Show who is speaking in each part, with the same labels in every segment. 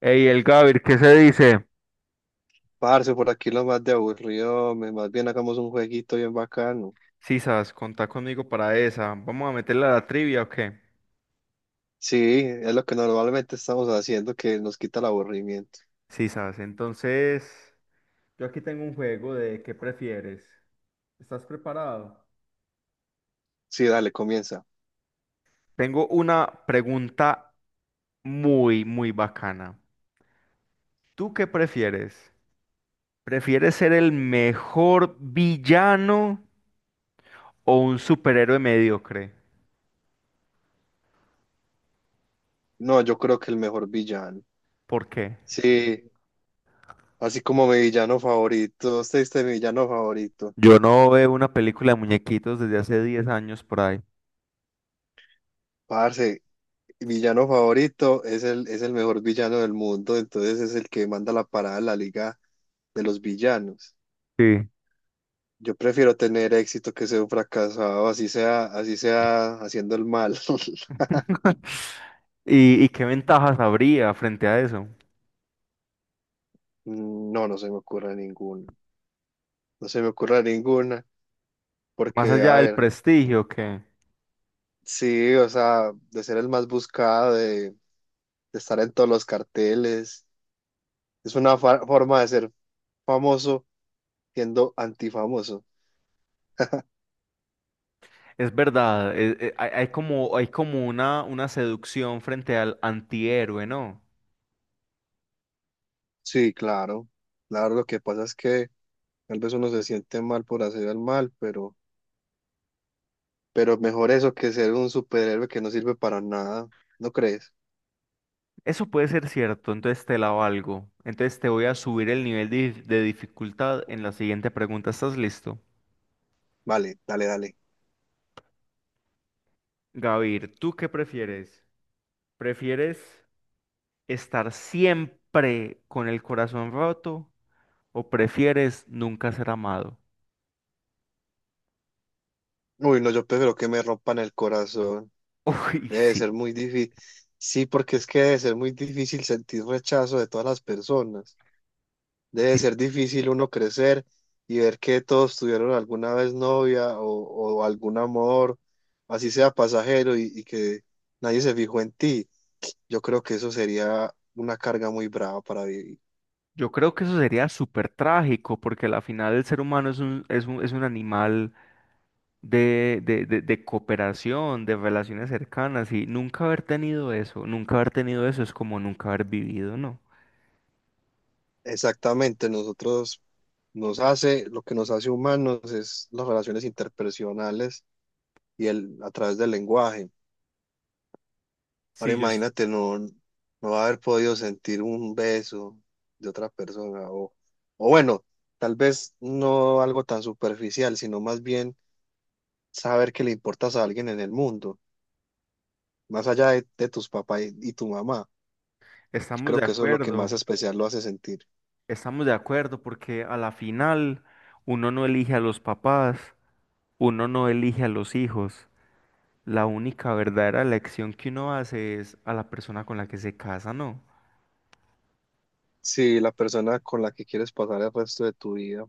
Speaker 1: Ey, el Gavir, ¿qué se dice?
Speaker 2: Parce, por aquí lo más de aburrido, más bien hagamos un jueguito bien bacano.
Speaker 1: Sisas, contá conmigo para esa. ¿Vamos a meterle a la trivia o qué?
Speaker 2: Sí, es lo que normalmente estamos haciendo que nos quita el aburrimiento.
Speaker 1: Sisas, entonces yo aquí tengo un juego de ¿qué prefieres? ¿Estás preparado?
Speaker 2: Sí, dale, comienza.
Speaker 1: Tengo una pregunta muy, muy bacana. ¿Tú qué prefieres? ¿Prefieres ser el mejor villano o un superhéroe mediocre?
Speaker 2: No, yo creo que el mejor villano.
Speaker 1: ¿Por qué?
Speaker 2: Sí, así como mi villano favorito. Usted es mi villano favorito.
Speaker 1: Yo no veo una película de muñequitos desde hace 10 años por ahí.
Speaker 2: Parce, mi villano favorito es el mejor villano del mundo, entonces es el que manda la parada en la liga de los villanos.
Speaker 1: Sí.
Speaker 2: Yo prefiero tener éxito que ser un fracasado, así sea haciendo el mal.
Speaker 1: ¿Y qué ventajas habría frente a eso?
Speaker 2: No, no se me ocurre ninguna. No se me ocurre ninguna,
Speaker 1: Más
Speaker 2: porque, a
Speaker 1: allá del
Speaker 2: ver,
Speaker 1: prestigio, que
Speaker 2: sí, o sea, de ser el más buscado, de estar en todos los carteles, es una forma de ser famoso siendo antifamoso.
Speaker 1: es verdad, hay como una seducción frente al antihéroe, ¿no?
Speaker 2: Sí, claro, claro, lo que pasa es que tal vez uno se siente mal por hacer el mal, pero mejor eso que ser un superhéroe que no sirve para nada, ¿no crees?
Speaker 1: Eso puede ser cierto, entonces te la valgo. Entonces te voy a subir el nivel de dificultad en la siguiente pregunta. ¿Estás listo?
Speaker 2: Vale, dale, dale.
Speaker 1: Gavir, ¿tú qué prefieres? ¿Prefieres estar siempre con el corazón roto o prefieres nunca ser amado?
Speaker 2: Uy, no, yo prefiero que me rompan el corazón.
Speaker 1: Uy,
Speaker 2: Debe
Speaker 1: sí.
Speaker 2: ser muy difícil. Sí, porque es que debe ser muy difícil sentir rechazo de todas las personas. Debe ser difícil uno crecer y ver que todos tuvieron alguna vez novia o algún amor, así sea pasajero, y que nadie se fijó en ti. Yo creo que eso sería una carga muy brava para vivir.
Speaker 1: Yo creo que eso sería súper trágico, porque al final el ser humano es un animal de cooperación, de relaciones cercanas, y nunca haber tenido eso, nunca haber tenido eso es como nunca haber vivido, ¿no?
Speaker 2: Exactamente, lo que nos hace humanos es las relaciones interpersonales y a través del lenguaje. Ahora
Speaker 1: Sí,
Speaker 2: imagínate no haber podido sentir un beso de otra persona o bueno, tal vez no algo tan superficial, sino más bien saber que le importas a alguien en el mundo, más allá de tus papás y tu mamá. Yo
Speaker 1: estamos
Speaker 2: creo
Speaker 1: de
Speaker 2: que eso es lo que más
Speaker 1: acuerdo,
Speaker 2: especial lo hace sentir.
Speaker 1: estamos de acuerdo, porque a la final uno no elige a los papás, uno no elige a los hijos. La única verdadera elección que uno hace es a la persona con la que se casa, ¿no?
Speaker 2: Sí, la persona con la que quieres pasar el resto de tu vida,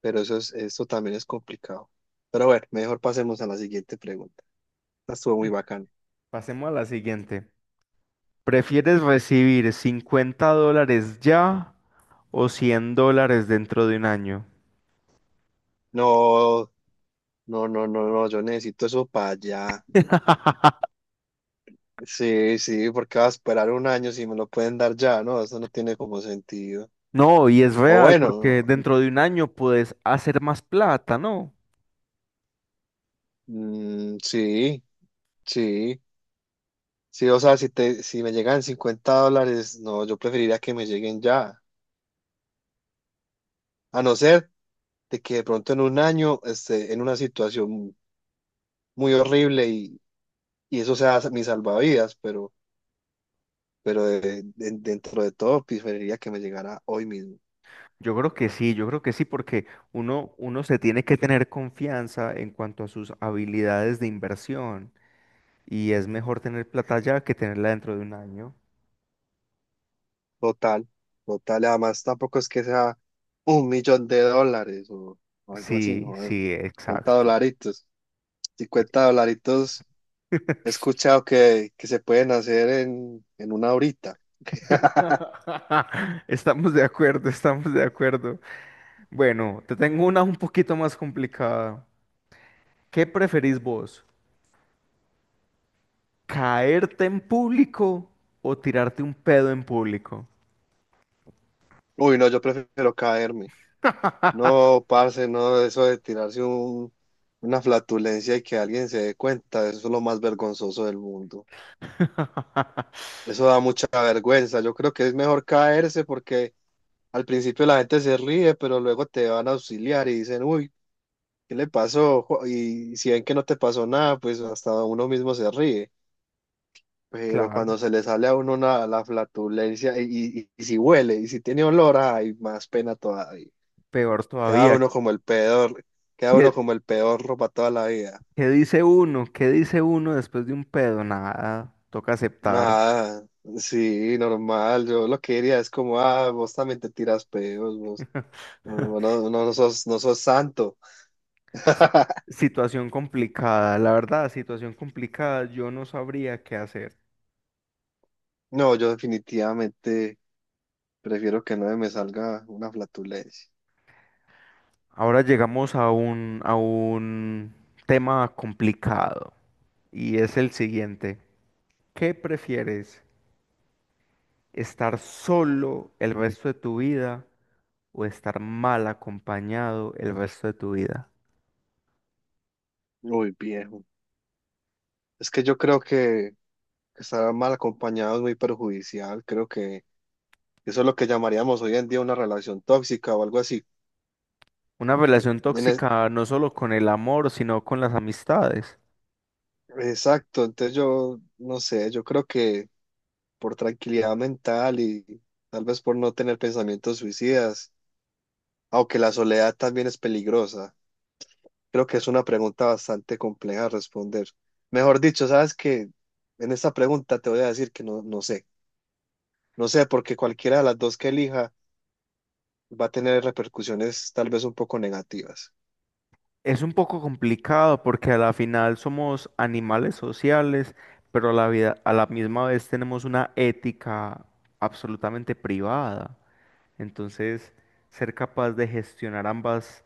Speaker 2: pero esto también es complicado. Pero bueno, mejor pasemos a la siguiente pregunta. Esta Estuvo muy bacán.
Speaker 1: Pasemos a la siguiente. ¿Prefieres recibir $50 ya o $100 dentro de un año?
Speaker 2: No, no, no, no, no, yo necesito eso para allá. Sí, sí, porque va a esperar un año si me lo pueden dar ya, ¿no? Eso no tiene como sentido.
Speaker 1: No, y es
Speaker 2: O
Speaker 1: real, porque
Speaker 2: bueno,
Speaker 1: dentro de un año puedes hacer más plata, ¿no?
Speaker 2: mm, sí, sí, sí, o sea, si me llegan 50 dólares, no, yo preferiría que me lleguen ya, a no ser de que de pronto en un año esté en una situación muy horrible y eso sea mi salvavidas, pero dentro de todo preferiría que me llegara hoy mismo.
Speaker 1: Yo creo que sí, yo creo que sí, porque uno se tiene que tener confianza en cuanto a sus habilidades de inversión y es mejor tener plata ya que tenerla dentro de un año.
Speaker 2: Total, total. Además, tampoco es que sea un millón de dólares o algo así,
Speaker 1: Sí,
Speaker 2: ¿no? Es
Speaker 1: sí,
Speaker 2: 50
Speaker 1: exacto.
Speaker 2: dolaritos. 50 dolaritos he escuchado que se pueden hacer en una horita.
Speaker 1: Estamos de acuerdo, estamos de acuerdo. Bueno, te tengo una un poquito más complicada. ¿Qué preferís vos? ¿Caerte en público o tirarte un pedo en público?
Speaker 2: Uy, no, yo prefiero caerme. No, parce, no, eso de tirarse una flatulencia y que alguien se dé cuenta, eso es lo más vergonzoso del mundo. Eso da mucha vergüenza. Yo creo que es mejor caerse porque al principio la gente se ríe, pero luego te van a auxiliar y dicen, uy. ¿Qué le pasó? Y si ven que no te pasó nada, pues hasta uno mismo se ríe. Pero cuando
Speaker 1: Claro,
Speaker 2: se le sale a uno la flatulencia y si huele y si tiene olor, hay más pena todavía.
Speaker 1: peor
Speaker 2: Queda
Speaker 1: todavía.
Speaker 2: uno como el peor, queda
Speaker 1: ¿Qué,
Speaker 2: uno como el peor para toda la vida.
Speaker 1: qué dice uno? ¿Qué dice uno después de un pedo? Nada, toca aceptar.
Speaker 2: Nada, sí, normal. Yo lo que diría es como, ah, vos también te tiras pedos, vos. No, no, no sos santo.
Speaker 1: Situación complicada, la verdad, situación complicada, yo no sabría qué hacer.
Speaker 2: No, yo definitivamente prefiero que no me salga una flatulencia.
Speaker 1: Ahora llegamos a un tema complicado y es el siguiente. ¿Qué prefieres? Estar solo el resto de tu vida o estar mal acompañado el resto de tu vida.
Speaker 2: Uy, viejo. Es que yo creo que estar mal acompañado es muy perjudicial. Creo que eso es lo que llamaríamos hoy en día una relación tóxica o algo así.
Speaker 1: Una relación
Speaker 2: En es-
Speaker 1: tóxica no solo con el amor, sino con las amistades.
Speaker 2: exacto, entonces yo no sé, yo creo que por tranquilidad mental y tal vez por no tener pensamientos suicidas, aunque la soledad también es peligrosa, creo que es una pregunta bastante compleja de responder. Mejor dicho, sabes que en esta pregunta te voy a decir que no, no sé, no sé, porque cualquiera de las dos que elija va a tener repercusiones tal vez un poco negativas.
Speaker 1: Es un poco complicado porque a la final somos animales sociales, pero a la vida, a la misma vez tenemos una ética absolutamente privada. Entonces, ser capaz de gestionar ambas,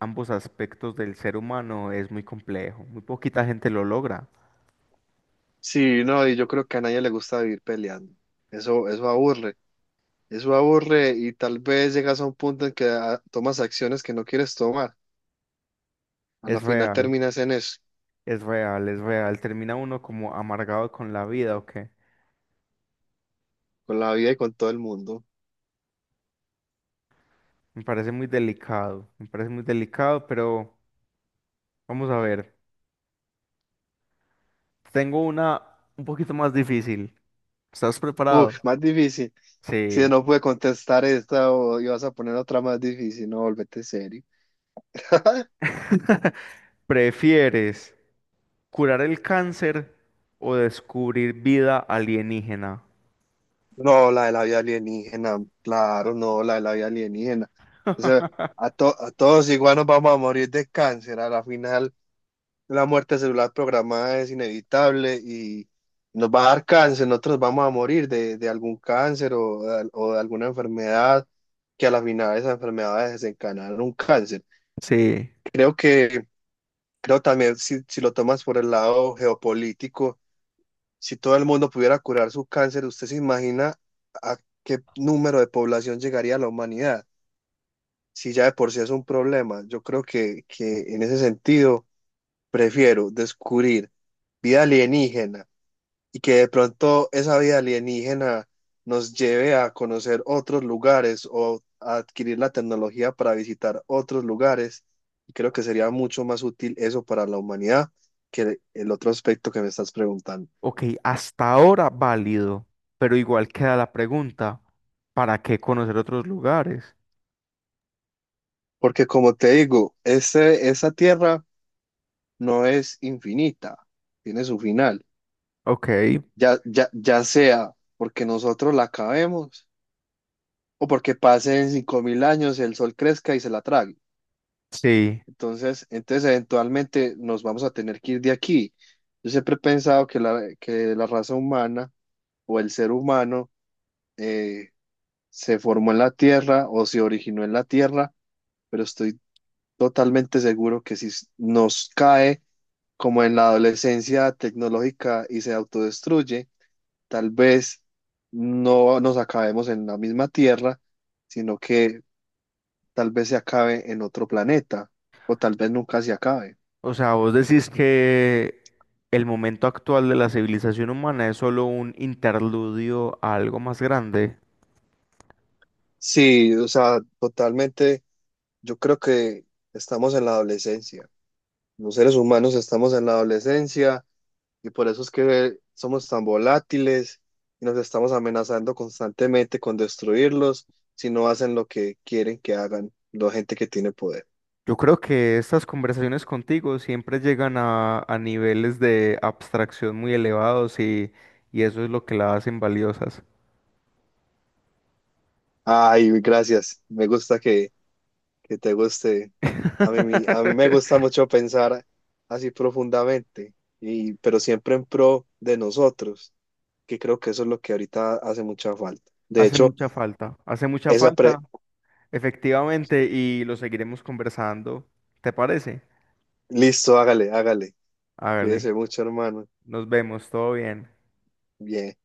Speaker 1: ambos aspectos del ser humano es muy complejo. Muy poquita gente lo logra.
Speaker 2: Sí, no, y yo creo que a nadie le gusta vivir peleando. Eso aburre, eso aburre y tal vez llegas a un punto en que ah, tomas acciones que no quieres tomar. A
Speaker 1: Es
Speaker 2: la final
Speaker 1: real.
Speaker 2: terminas en eso,
Speaker 1: Es real, es real. Termina uno como amargado con la vida, ¿o qué?
Speaker 2: con la vida y con todo el mundo.
Speaker 1: Me parece muy delicado, me parece muy delicado, pero vamos a ver. Tengo una un poquito más difícil. ¿Estás preparado?
Speaker 2: Uf, más difícil. Si
Speaker 1: Sí.
Speaker 2: no pude contestar esta o ibas a poner otra más difícil, no, volvete serio.
Speaker 1: ¿Prefieres curar el cáncer o descubrir vida alienígena?
Speaker 2: No, la de la vida alienígena, claro, no, la de la vida alienígena. O sea, a todos igual nos vamos a morir de cáncer. A la final, la muerte celular programada es inevitable y nos va a dar cáncer. Nosotros vamos a morir de algún cáncer o de alguna enfermedad que a la final esas enfermedades desencadenan un cáncer.
Speaker 1: Sí.
Speaker 2: Creo que, creo también, si lo tomas por el lado geopolítico, si todo el mundo pudiera curar su cáncer, ¿usted se imagina a qué número de población llegaría la humanidad? Si ya de por sí es un problema, yo creo que en ese sentido prefiero descubrir vida alienígena y que de pronto esa vida alienígena nos lleve a conocer otros lugares o a adquirir la tecnología para visitar otros lugares. Y creo que sería mucho más útil eso para la humanidad que el otro aspecto que me estás preguntando.
Speaker 1: Ok, hasta ahora válido, pero igual queda la pregunta, ¿para qué conocer otros lugares?
Speaker 2: Porque como te digo, esa tierra no es infinita, tiene su final.
Speaker 1: Ok,
Speaker 2: Ya sea porque nosotros la acabemos o porque pasen 5000 años, el sol crezca y se la trague.
Speaker 1: sí.
Speaker 2: Entonces eventualmente nos vamos a tener que ir de aquí. Yo siempre he pensado que la raza humana o el ser humano eh, se formó en la tierra o se originó en la tierra, pero estoy totalmente seguro que si nos cae como en la adolescencia tecnológica y se autodestruye, tal vez no nos acabemos en la misma Tierra, sino que tal vez se acabe en otro planeta o tal vez nunca se acabe.
Speaker 1: O sea, vos decís que el momento actual de la civilización humana es solo un interludio a algo más grande.
Speaker 2: Sí, o sea, totalmente, yo creo que estamos en la adolescencia. Los seres humanos estamos en la adolescencia. Y por eso es que somos tan volátiles y nos estamos amenazando constantemente con destruirlos si no hacen lo que quieren que hagan la gente que tiene poder.
Speaker 1: Yo creo que estas conversaciones contigo siempre llegan a niveles de abstracción muy elevados y eso es lo que la hacen valiosas.
Speaker 2: Ay, gracias. Me gusta que te guste. A mí me gusta mucho pensar así profundamente, pero siempre en pro de nosotros, que creo que eso es lo que ahorita hace mucha falta. De hecho,
Speaker 1: Hace mucha
Speaker 2: esa
Speaker 1: falta,
Speaker 2: pre...
Speaker 1: efectivamente, y lo seguiremos conversando. ¿Te parece?
Speaker 2: Listo, hágale, hágale.
Speaker 1: Hágale,
Speaker 2: Cuídese mucho, hermano.
Speaker 1: nos vemos, todo bien.
Speaker 2: Bien.